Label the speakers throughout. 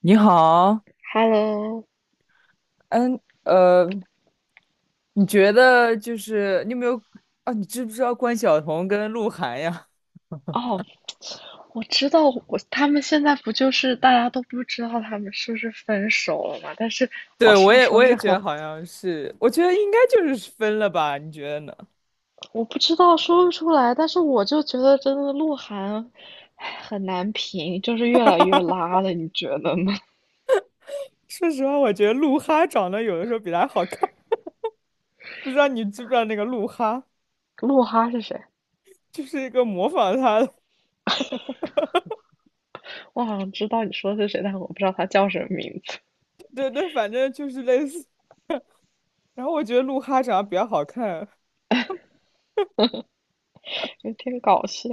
Speaker 1: 你好。
Speaker 2: Hello，
Speaker 1: 嗯，呃，你觉得就是你有没有啊？你知不知道关晓彤跟鹿晗呀？
Speaker 2: 哦，我知道，他们现在不就是大家都不知道他们是不是分手了嘛？但是
Speaker 1: 对，
Speaker 2: 好
Speaker 1: 我
Speaker 2: 像
Speaker 1: 也我
Speaker 2: 说
Speaker 1: 也
Speaker 2: 是
Speaker 1: 觉得
Speaker 2: 很，
Speaker 1: 好像是，我觉得应该就是分了吧？你觉得呢？
Speaker 2: 我不知道说不出来，但是我就觉得真的鹿晗，唉，很难评，就是越来越拉了，你觉得呢？
Speaker 1: 说实话，我觉得鹿哈长得有的时候比他好看。不知道你知不知道那个鹿哈，
Speaker 2: 鹿哈是谁？
Speaker 1: 就是一个模仿他的。
Speaker 2: 我好像知道你说的是谁，但我不知道他叫什么名字，
Speaker 1: 对对，反正就是类似。然后我觉得鹿哈长得比较好看。
Speaker 2: 有点搞笑。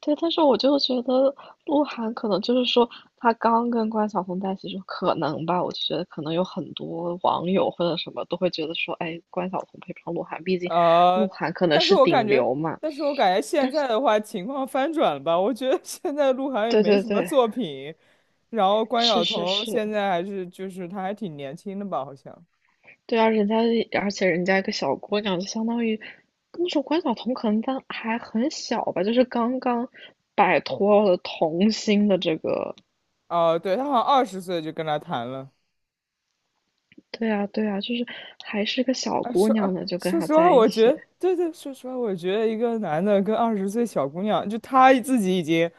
Speaker 2: 对，但是我就觉得鹿晗可能就是说，他刚跟关晓彤在一起就可能吧，我就觉得可能有很多网友或者什么都会觉得说，哎，关晓彤配不上鹿晗，毕竟鹿
Speaker 1: 呃，
Speaker 2: 晗可能
Speaker 1: 但是
Speaker 2: 是
Speaker 1: 我感
Speaker 2: 顶
Speaker 1: 觉，
Speaker 2: 流嘛。
Speaker 1: 但是我感觉现在的话情况翻转了吧？我觉得现在鹿晗也
Speaker 2: 对
Speaker 1: 没
Speaker 2: 对
Speaker 1: 什么
Speaker 2: 对，
Speaker 1: 作品，然后关
Speaker 2: 是
Speaker 1: 晓
Speaker 2: 是
Speaker 1: 彤
Speaker 2: 是，
Speaker 1: 现在还是就是她还挺年轻的吧？好像，
Speaker 2: 对啊，而且人家一个小姑娘，就相当于那时候关晓彤可能当还很小吧，就是刚刚摆脱了童星的这个，
Speaker 1: 哦、对，她好像二十岁就跟他谈了。
Speaker 2: 对啊对啊，就是还是个小
Speaker 1: 啊，
Speaker 2: 姑
Speaker 1: 说
Speaker 2: 娘
Speaker 1: 啊
Speaker 2: 呢，就跟
Speaker 1: 说
Speaker 2: 他
Speaker 1: 实话，
Speaker 2: 在一
Speaker 1: 我觉
Speaker 2: 起。
Speaker 1: 得，对对，说实话，我觉得一个男的跟二十岁小姑娘，就他自己已经，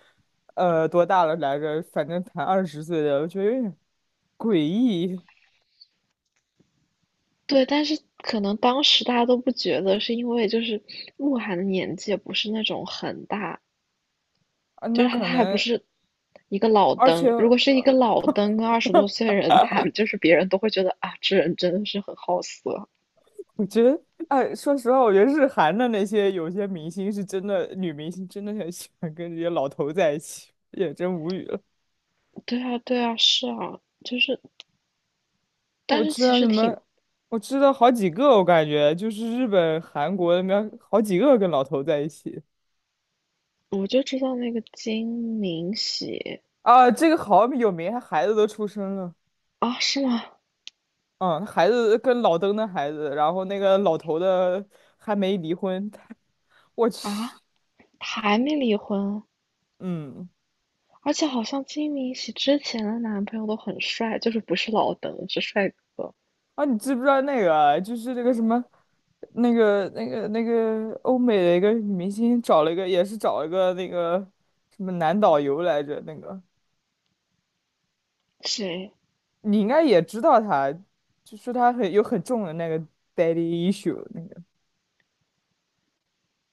Speaker 1: 多大了来着？反正谈二十岁的，我觉得有点诡异
Speaker 2: 对，但是可能当时大家都不觉得，是因为就是鹿晗的年纪也不是那种很大，
Speaker 1: 啊。
Speaker 2: 就
Speaker 1: 那
Speaker 2: 是他
Speaker 1: 可
Speaker 2: 他还不
Speaker 1: 能，
Speaker 2: 是一个老
Speaker 1: 而且。
Speaker 2: 登。如果是一个老登跟二十多岁的人谈，就是别人都会觉得啊，这人真的是很好色。
Speaker 1: 我觉得，哎，说实话，我觉得日韩的那些有些明星是真的，女明星真的很喜欢跟这些老头在一起，也真无语了。
Speaker 2: 对啊，对啊，是啊。但
Speaker 1: 我
Speaker 2: 是
Speaker 1: 知
Speaker 2: 其
Speaker 1: 道什
Speaker 2: 实挺，
Speaker 1: 么，我知道好几个，我感觉就是日本、韩国那边好几个跟老头在一起
Speaker 2: 我就知道那个金明喜
Speaker 1: 啊。这个好有名，他孩子都出生了。
Speaker 2: 啊，是吗？
Speaker 1: 嗯，孩子跟老登的孩子，然后那个老头的还没离婚，他我去。
Speaker 2: 啊，他还没离婚，
Speaker 1: 嗯，
Speaker 2: 而且好像金明喜之前的男朋友都很帅，就是不是老登，是帅哥。
Speaker 1: 啊，你知不知道那个啊就是那个什么，那个欧美的一个女明星找了一个，也是找了一个那个什么男导游来着。那个
Speaker 2: 谁？
Speaker 1: 你应该也知道他，就说他很有很重的那个 daddy issue 那个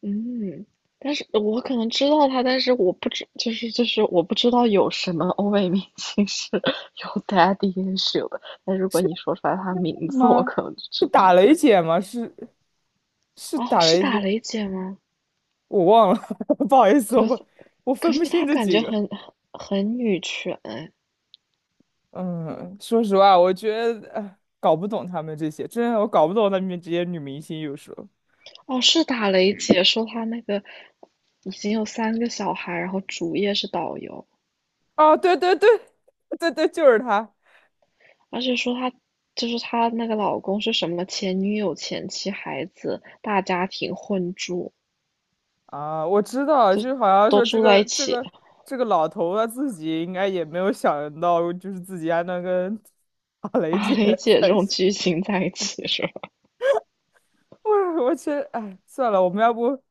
Speaker 2: 嗯，但是我可能知道他，但是我不知，就是我不知道有什么欧美明星是 有 daddy issue 的。但如果
Speaker 1: 是
Speaker 2: 你说出来他名字，我
Speaker 1: 吗？
Speaker 2: 可能就
Speaker 1: 是
Speaker 2: 知
Speaker 1: 打
Speaker 2: 道。
Speaker 1: 雷
Speaker 2: 对，
Speaker 1: 姐吗？是是
Speaker 2: 哦，
Speaker 1: 打
Speaker 2: 是
Speaker 1: 雷
Speaker 2: 打
Speaker 1: 姐，
Speaker 2: 雷姐吗？
Speaker 1: 我忘了。不好意思，
Speaker 2: 可是
Speaker 1: 我
Speaker 2: 可
Speaker 1: 分
Speaker 2: 是
Speaker 1: 不
Speaker 2: 她
Speaker 1: 清这
Speaker 2: 感
Speaker 1: 几
Speaker 2: 觉
Speaker 1: 个。
Speaker 2: 很，很女权哎。
Speaker 1: 嗯，说实话，我觉得哎搞不懂他们这些，真的我搞不懂他们这些女明星有时候。
Speaker 2: 哦，是打雷姐说她那个已经有三个小孩，然后主业是导游，
Speaker 1: 哦，对对对，对对，就是他
Speaker 2: 而且说她，就是她那个老公是什么前女友、前妻、孩子、大家庭混住。
Speaker 1: 啊！我知道，就是好像
Speaker 2: 都
Speaker 1: 说这
Speaker 2: 住在
Speaker 1: 个
Speaker 2: 一
Speaker 1: 这
Speaker 2: 起，
Speaker 1: 个这个老头他自己应该也没有想到，就是自己还能跟打 雷
Speaker 2: 打
Speaker 1: 姐
Speaker 2: 雷 姐
Speaker 1: 在
Speaker 2: 这
Speaker 1: 一
Speaker 2: 种
Speaker 1: 起。
Speaker 2: 剧情在一起是吧？
Speaker 1: 我真哎，算了，我们要不我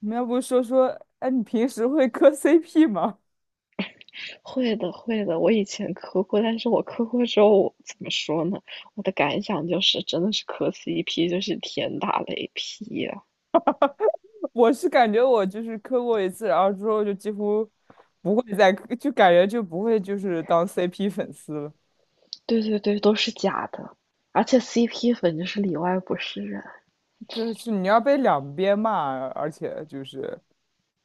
Speaker 1: 们要不说说，哎，你平时会磕 CP 吗？
Speaker 2: 会的，会的。我以前磕过，但是我磕过之后，我怎么说呢？我的感想就是，真的是磕 CP 就是天打雷劈呀、
Speaker 1: 我是感觉我就是磕过一次，然后之后就几乎不会再磕，就感觉就不会就是当 CP 粉丝了。
Speaker 2: 对对对，都是假的，而且 CP 粉就是里外不是人。
Speaker 1: 就是你要被两边骂，而且就是。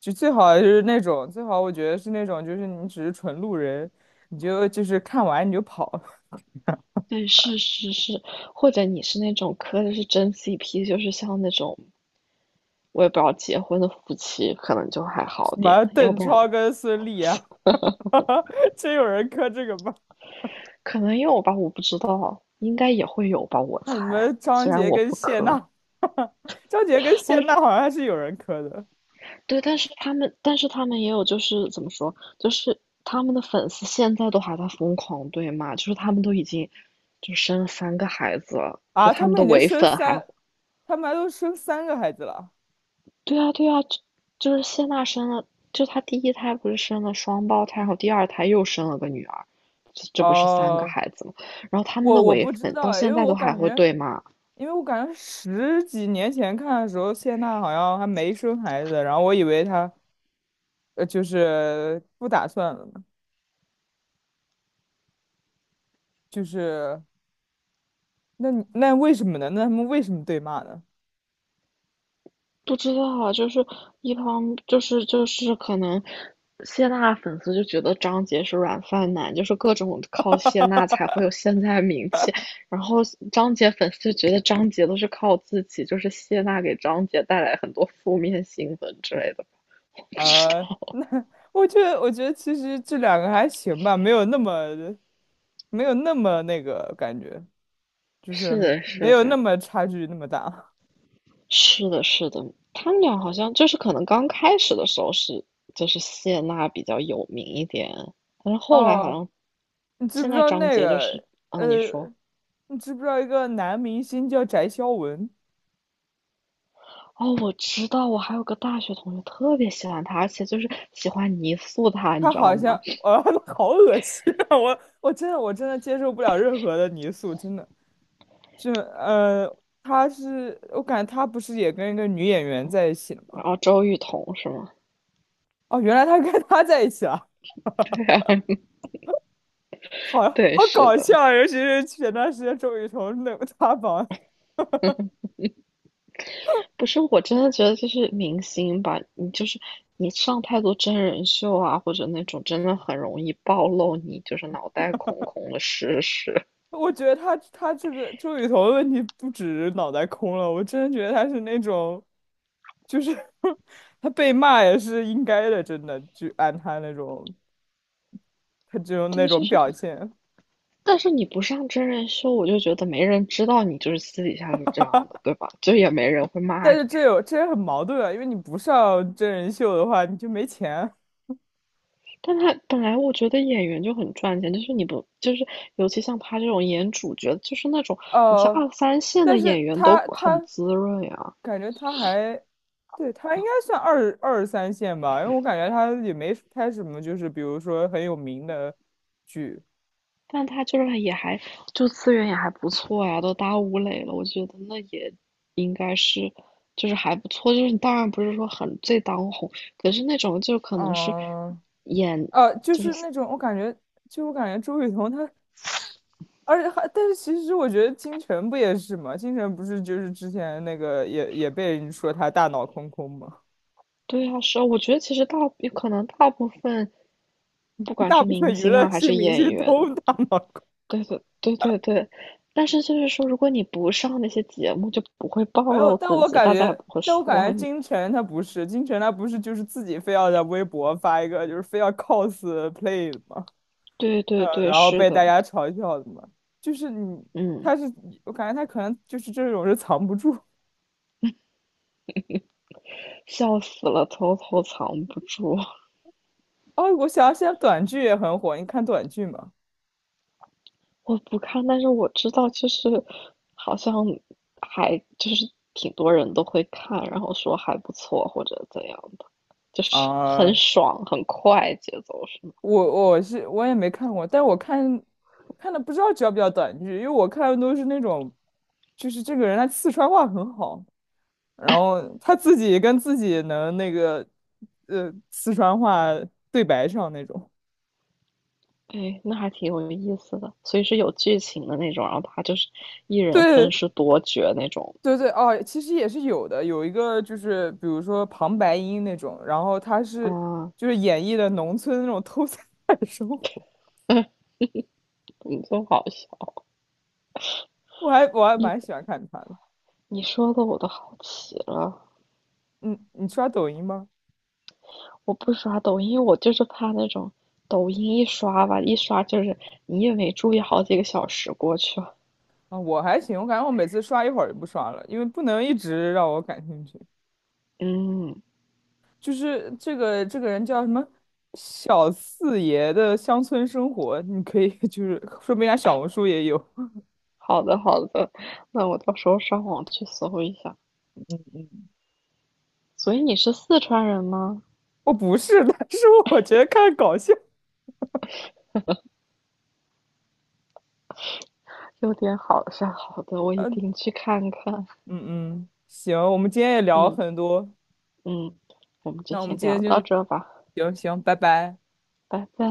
Speaker 1: 就最好就是那种，最好我觉得是那种，就是你只是纯路人，你就就是看完你就跑。
Speaker 2: 对，是是是，或者你是那种磕的是真 CP,就是像那种我也不知道结婚的夫妻，可能就还 好
Speaker 1: 什
Speaker 2: 点，
Speaker 1: 么
Speaker 2: 要
Speaker 1: 邓
Speaker 2: 不然
Speaker 1: 超跟孙俪啊，真有人磕这个吗？
Speaker 2: 可能有吧，我不知道，应该也会有吧，我
Speaker 1: 那你
Speaker 2: 猜。
Speaker 1: 们张
Speaker 2: 虽然
Speaker 1: 杰
Speaker 2: 我
Speaker 1: 跟
Speaker 2: 不
Speaker 1: 谢
Speaker 2: 磕，
Speaker 1: 娜，张杰跟
Speaker 2: 但
Speaker 1: 谢娜
Speaker 2: 是
Speaker 1: 好像还是有人磕的
Speaker 2: 对，但是他们也有，就是怎么说，就是他们的粉丝现在都还在疯狂对骂，就是他们都已经就生了三个孩子了，就
Speaker 1: 啊，
Speaker 2: 他
Speaker 1: 他
Speaker 2: 们
Speaker 1: 们
Speaker 2: 的
Speaker 1: 已经
Speaker 2: 唯
Speaker 1: 生
Speaker 2: 粉还，
Speaker 1: 三，他们还都生三个孩子了。
Speaker 2: 对啊，对啊，就，就是谢娜生了，就她第一胎不是生了双胞胎，然后第二胎又生了个女儿，这不是三个
Speaker 1: 哦，
Speaker 2: 孩子吗？然后他们
Speaker 1: 我
Speaker 2: 的
Speaker 1: 我
Speaker 2: 唯
Speaker 1: 不知
Speaker 2: 粉
Speaker 1: 道
Speaker 2: 到
Speaker 1: 哎，因
Speaker 2: 现
Speaker 1: 为
Speaker 2: 在
Speaker 1: 我
Speaker 2: 都还
Speaker 1: 感
Speaker 2: 会
Speaker 1: 觉，
Speaker 2: 对骂。
Speaker 1: 因为我感觉十几年前看的时候，谢娜好像还没生孩子，然后我以为她。就是不打算了呢就是那你那为什么呢？那他们为什么对骂呢？
Speaker 2: 不知道啊，就是一方就是可能谢娜粉丝就觉得张杰是软饭男，就是各种靠谢娜才会有现在名气，然后张杰粉丝就觉得张杰都是靠自己，就是谢娜给张杰带来很多负面新闻之类的，不知
Speaker 1: 啊，
Speaker 2: 道。
Speaker 1: 那 我觉得，我觉得其实这两个还行吧，没有那么没有那么那个感觉，就是
Speaker 2: 是的，
Speaker 1: 没
Speaker 2: 是
Speaker 1: 有那
Speaker 2: 的，
Speaker 1: 么差距那么大。
Speaker 2: 是的，是的，他们俩好像就是可能刚开始的时候是，就是谢娜比较有名一点，但是 后来好
Speaker 1: 哦，
Speaker 2: 像
Speaker 1: 你知不
Speaker 2: 现
Speaker 1: 知
Speaker 2: 在
Speaker 1: 道
Speaker 2: 张
Speaker 1: 那
Speaker 2: 杰就是，
Speaker 1: 个
Speaker 2: 啊，你
Speaker 1: 呃，
Speaker 2: 说。
Speaker 1: 你知不知道一个男明星叫翟潇闻？
Speaker 2: 哦，我知道，我还有个大学同学特别喜欢他，而且就是喜欢泥塑他，你
Speaker 1: 他
Speaker 2: 知
Speaker 1: 好
Speaker 2: 道
Speaker 1: 像，
Speaker 2: 吗？
Speaker 1: 呃，好恶心啊！我我真的我真的接受不了任何的泥塑，真的。就呃，他是我感觉他不是也跟一个女演员在一起了
Speaker 2: 然
Speaker 1: 吗？
Speaker 2: 后周雨彤是吗？
Speaker 1: 哦，原来他跟他在一起了，好
Speaker 2: 对，
Speaker 1: 好
Speaker 2: 是
Speaker 1: 搞
Speaker 2: 的，
Speaker 1: 笑啊，尤其是前段时间周雨彤那个塌房。
Speaker 2: 不是，我真的觉得就是明星吧，你就是你上太多真人秀啊，或者那种真的很容易暴露你就是脑袋空空的事实。
Speaker 1: 我觉得他这个周雨彤的问题不止脑袋空了，我真的觉得他是那种就是 他被骂也是应该的，真的，就按他那种他这 种那
Speaker 2: 对，就
Speaker 1: 种
Speaker 2: 是，
Speaker 1: 表现。
Speaker 2: 但是你不上真人秀，我就觉得没人知道你就是私底下是这样的，对吧？就也没人会骂
Speaker 1: 但是
Speaker 2: 你。
Speaker 1: 这有这也很矛盾啊，因为你不上真人秀的话，你就没钱。
Speaker 2: 但他本来我觉得演员就很赚钱，就是你不就是尤其像他这种演主角，就是那种你像
Speaker 1: 呃，
Speaker 2: 二三线的
Speaker 1: 但
Speaker 2: 演
Speaker 1: 是
Speaker 2: 员都
Speaker 1: 他
Speaker 2: 很
Speaker 1: 他
Speaker 2: 滋润呀，
Speaker 1: 感觉他还，对，他应该算二三线吧，因为我感觉他也没拍什么，就是比如说很有名的剧。
Speaker 2: 但他就是也还就资源也还不错呀，都打吴磊了，我觉得那也应该是就是还不错，就是你当然不是说很最当红，可是那种就可能是
Speaker 1: 嗯，
Speaker 2: 演，
Speaker 1: 就是那种我感觉，就我感觉周雨彤她，而且还，但是其实我觉得金晨不也是吗？金晨不是就是之前那个也被人说她大脑空空吗？
Speaker 2: 对啊，是啊，我觉得其实大，可能大部分不 管
Speaker 1: 大
Speaker 2: 是
Speaker 1: 部
Speaker 2: 明
Speaker 1: 分娱
Speaker 2: 星
Speaker 1: 乐
Speaker 2: 啊还
Speaker 1: 系
Speaker 2: 是
Speaker 1: 明
Speaker 2: 演
Speaker 1: 星
Speaker 2: 员。
Speaker 1: 都大脑空
Speaker 2: 对对对对对，但是就是说，如果你不上那些节目，就不会暴
Speaker 1: 没有，
Speaker 2: 露
Speaker 1: 但
Speaker 2: 自
Speaker 1: 我
Speaker 2: 己，
Speaker 1: 感
Speaker 2: 大家也
Speaker 1: 觉，
Speaker 2: 不会
Speaker 1: 但我感
Speaker 2: 说
Speaker 1: 觉
Speaker 2: 你。
Speaker 1: 金晨她不是，金晨她不是就是自己非要在微博发一个，就是非要 cos play 的嘛。
Speaker 2: 对对对，
Speaker 1: 然后
Speaker 2: 是
Speaker 1: 被大
Speaker 2: 的，
Speaker 1: 家嘲笑的嘛，就是你，
Speaker 2: 嗯，
Speaker 1: 他是，我感觉他可能就是这种是藏不住。
Speaker 2: 笑死了，偷偷藏不住。
Speaker 1: 哦，我想现在短剧也很火，你看短剧吗？
Speaker 2: 我不看，但是我知道，就是好像还就是挺多人都会看，然后说还不错或者怎样的，就是 很
Speaker 1: 啊、
Speaker 2: 爽很快节奏是吗？
Speaker 1: 我也没看过，但我看我看的不知道叫不叫短剧，因为我看的都是那种，就是这个人他四川话很好。然后他自己跟自己能那个，四川话对白上那种。
Speaker 2: 哎，那还挺有意思的，所以是有剧情的那种，然后他就是一人分
Speaker 1: 对
Speaker 2: 饰多角那种。
Speaker 1: 对对，哦，其实也是有的，有一个就是比如说旁白音那种，然后他是
Speaker 2: 啊，
Speaker 1: 就是演绎的农村那种偷菜的生活。
Speaker 2: 你真好笑！
Speaker 1: 我还蛮
Speaker 2: 你
Speaker 1: 喜欢看他的。
Speaker 2: 你说的我都好奇了。
Speaker 1: 嗯，你刷抖音吗？
Speaker 2: 我不刷抖音，我就是怕那种抖音一刷吧，一刷就是你也没注意，好几个小时过去了。
Speaker 1: 啊，我还行，我感觉我每次刷一会儿就不刷了，因为不能一直让我感兴趣。
Speaker 2: 嗯，
Speaker 1: 就是这个人叫什么小四爷的乡村生活，你可以 就是说不定人家小红书也有。
Speaker 2: 好的好的，那我到时候上网去搜一下。所以你是四川人吗？
Speaker 1: 哦，不是的，是我觉得看搞笑。
Speaker 2: 有点好像好的，我一
Speaker 1: 嗯
Speaker 2: 定去看看。
Speaker 1: 嗯嗯，行，我们今天也聊了
Speaker 2: 嗯
Speaker 1: 很多，
Speaker 2: 嗯，我们就
Speaker 1: 那我们
Speaker 2: 先
Speaker 1: 今天
Speaker 2: 聊
Speaker 1: 就
Speaker 2: 到
Speaker 1: 是
Speaker 2: 这吧，
Speaker 1: 行行，拜拜。
Speaker 2: 拜拜。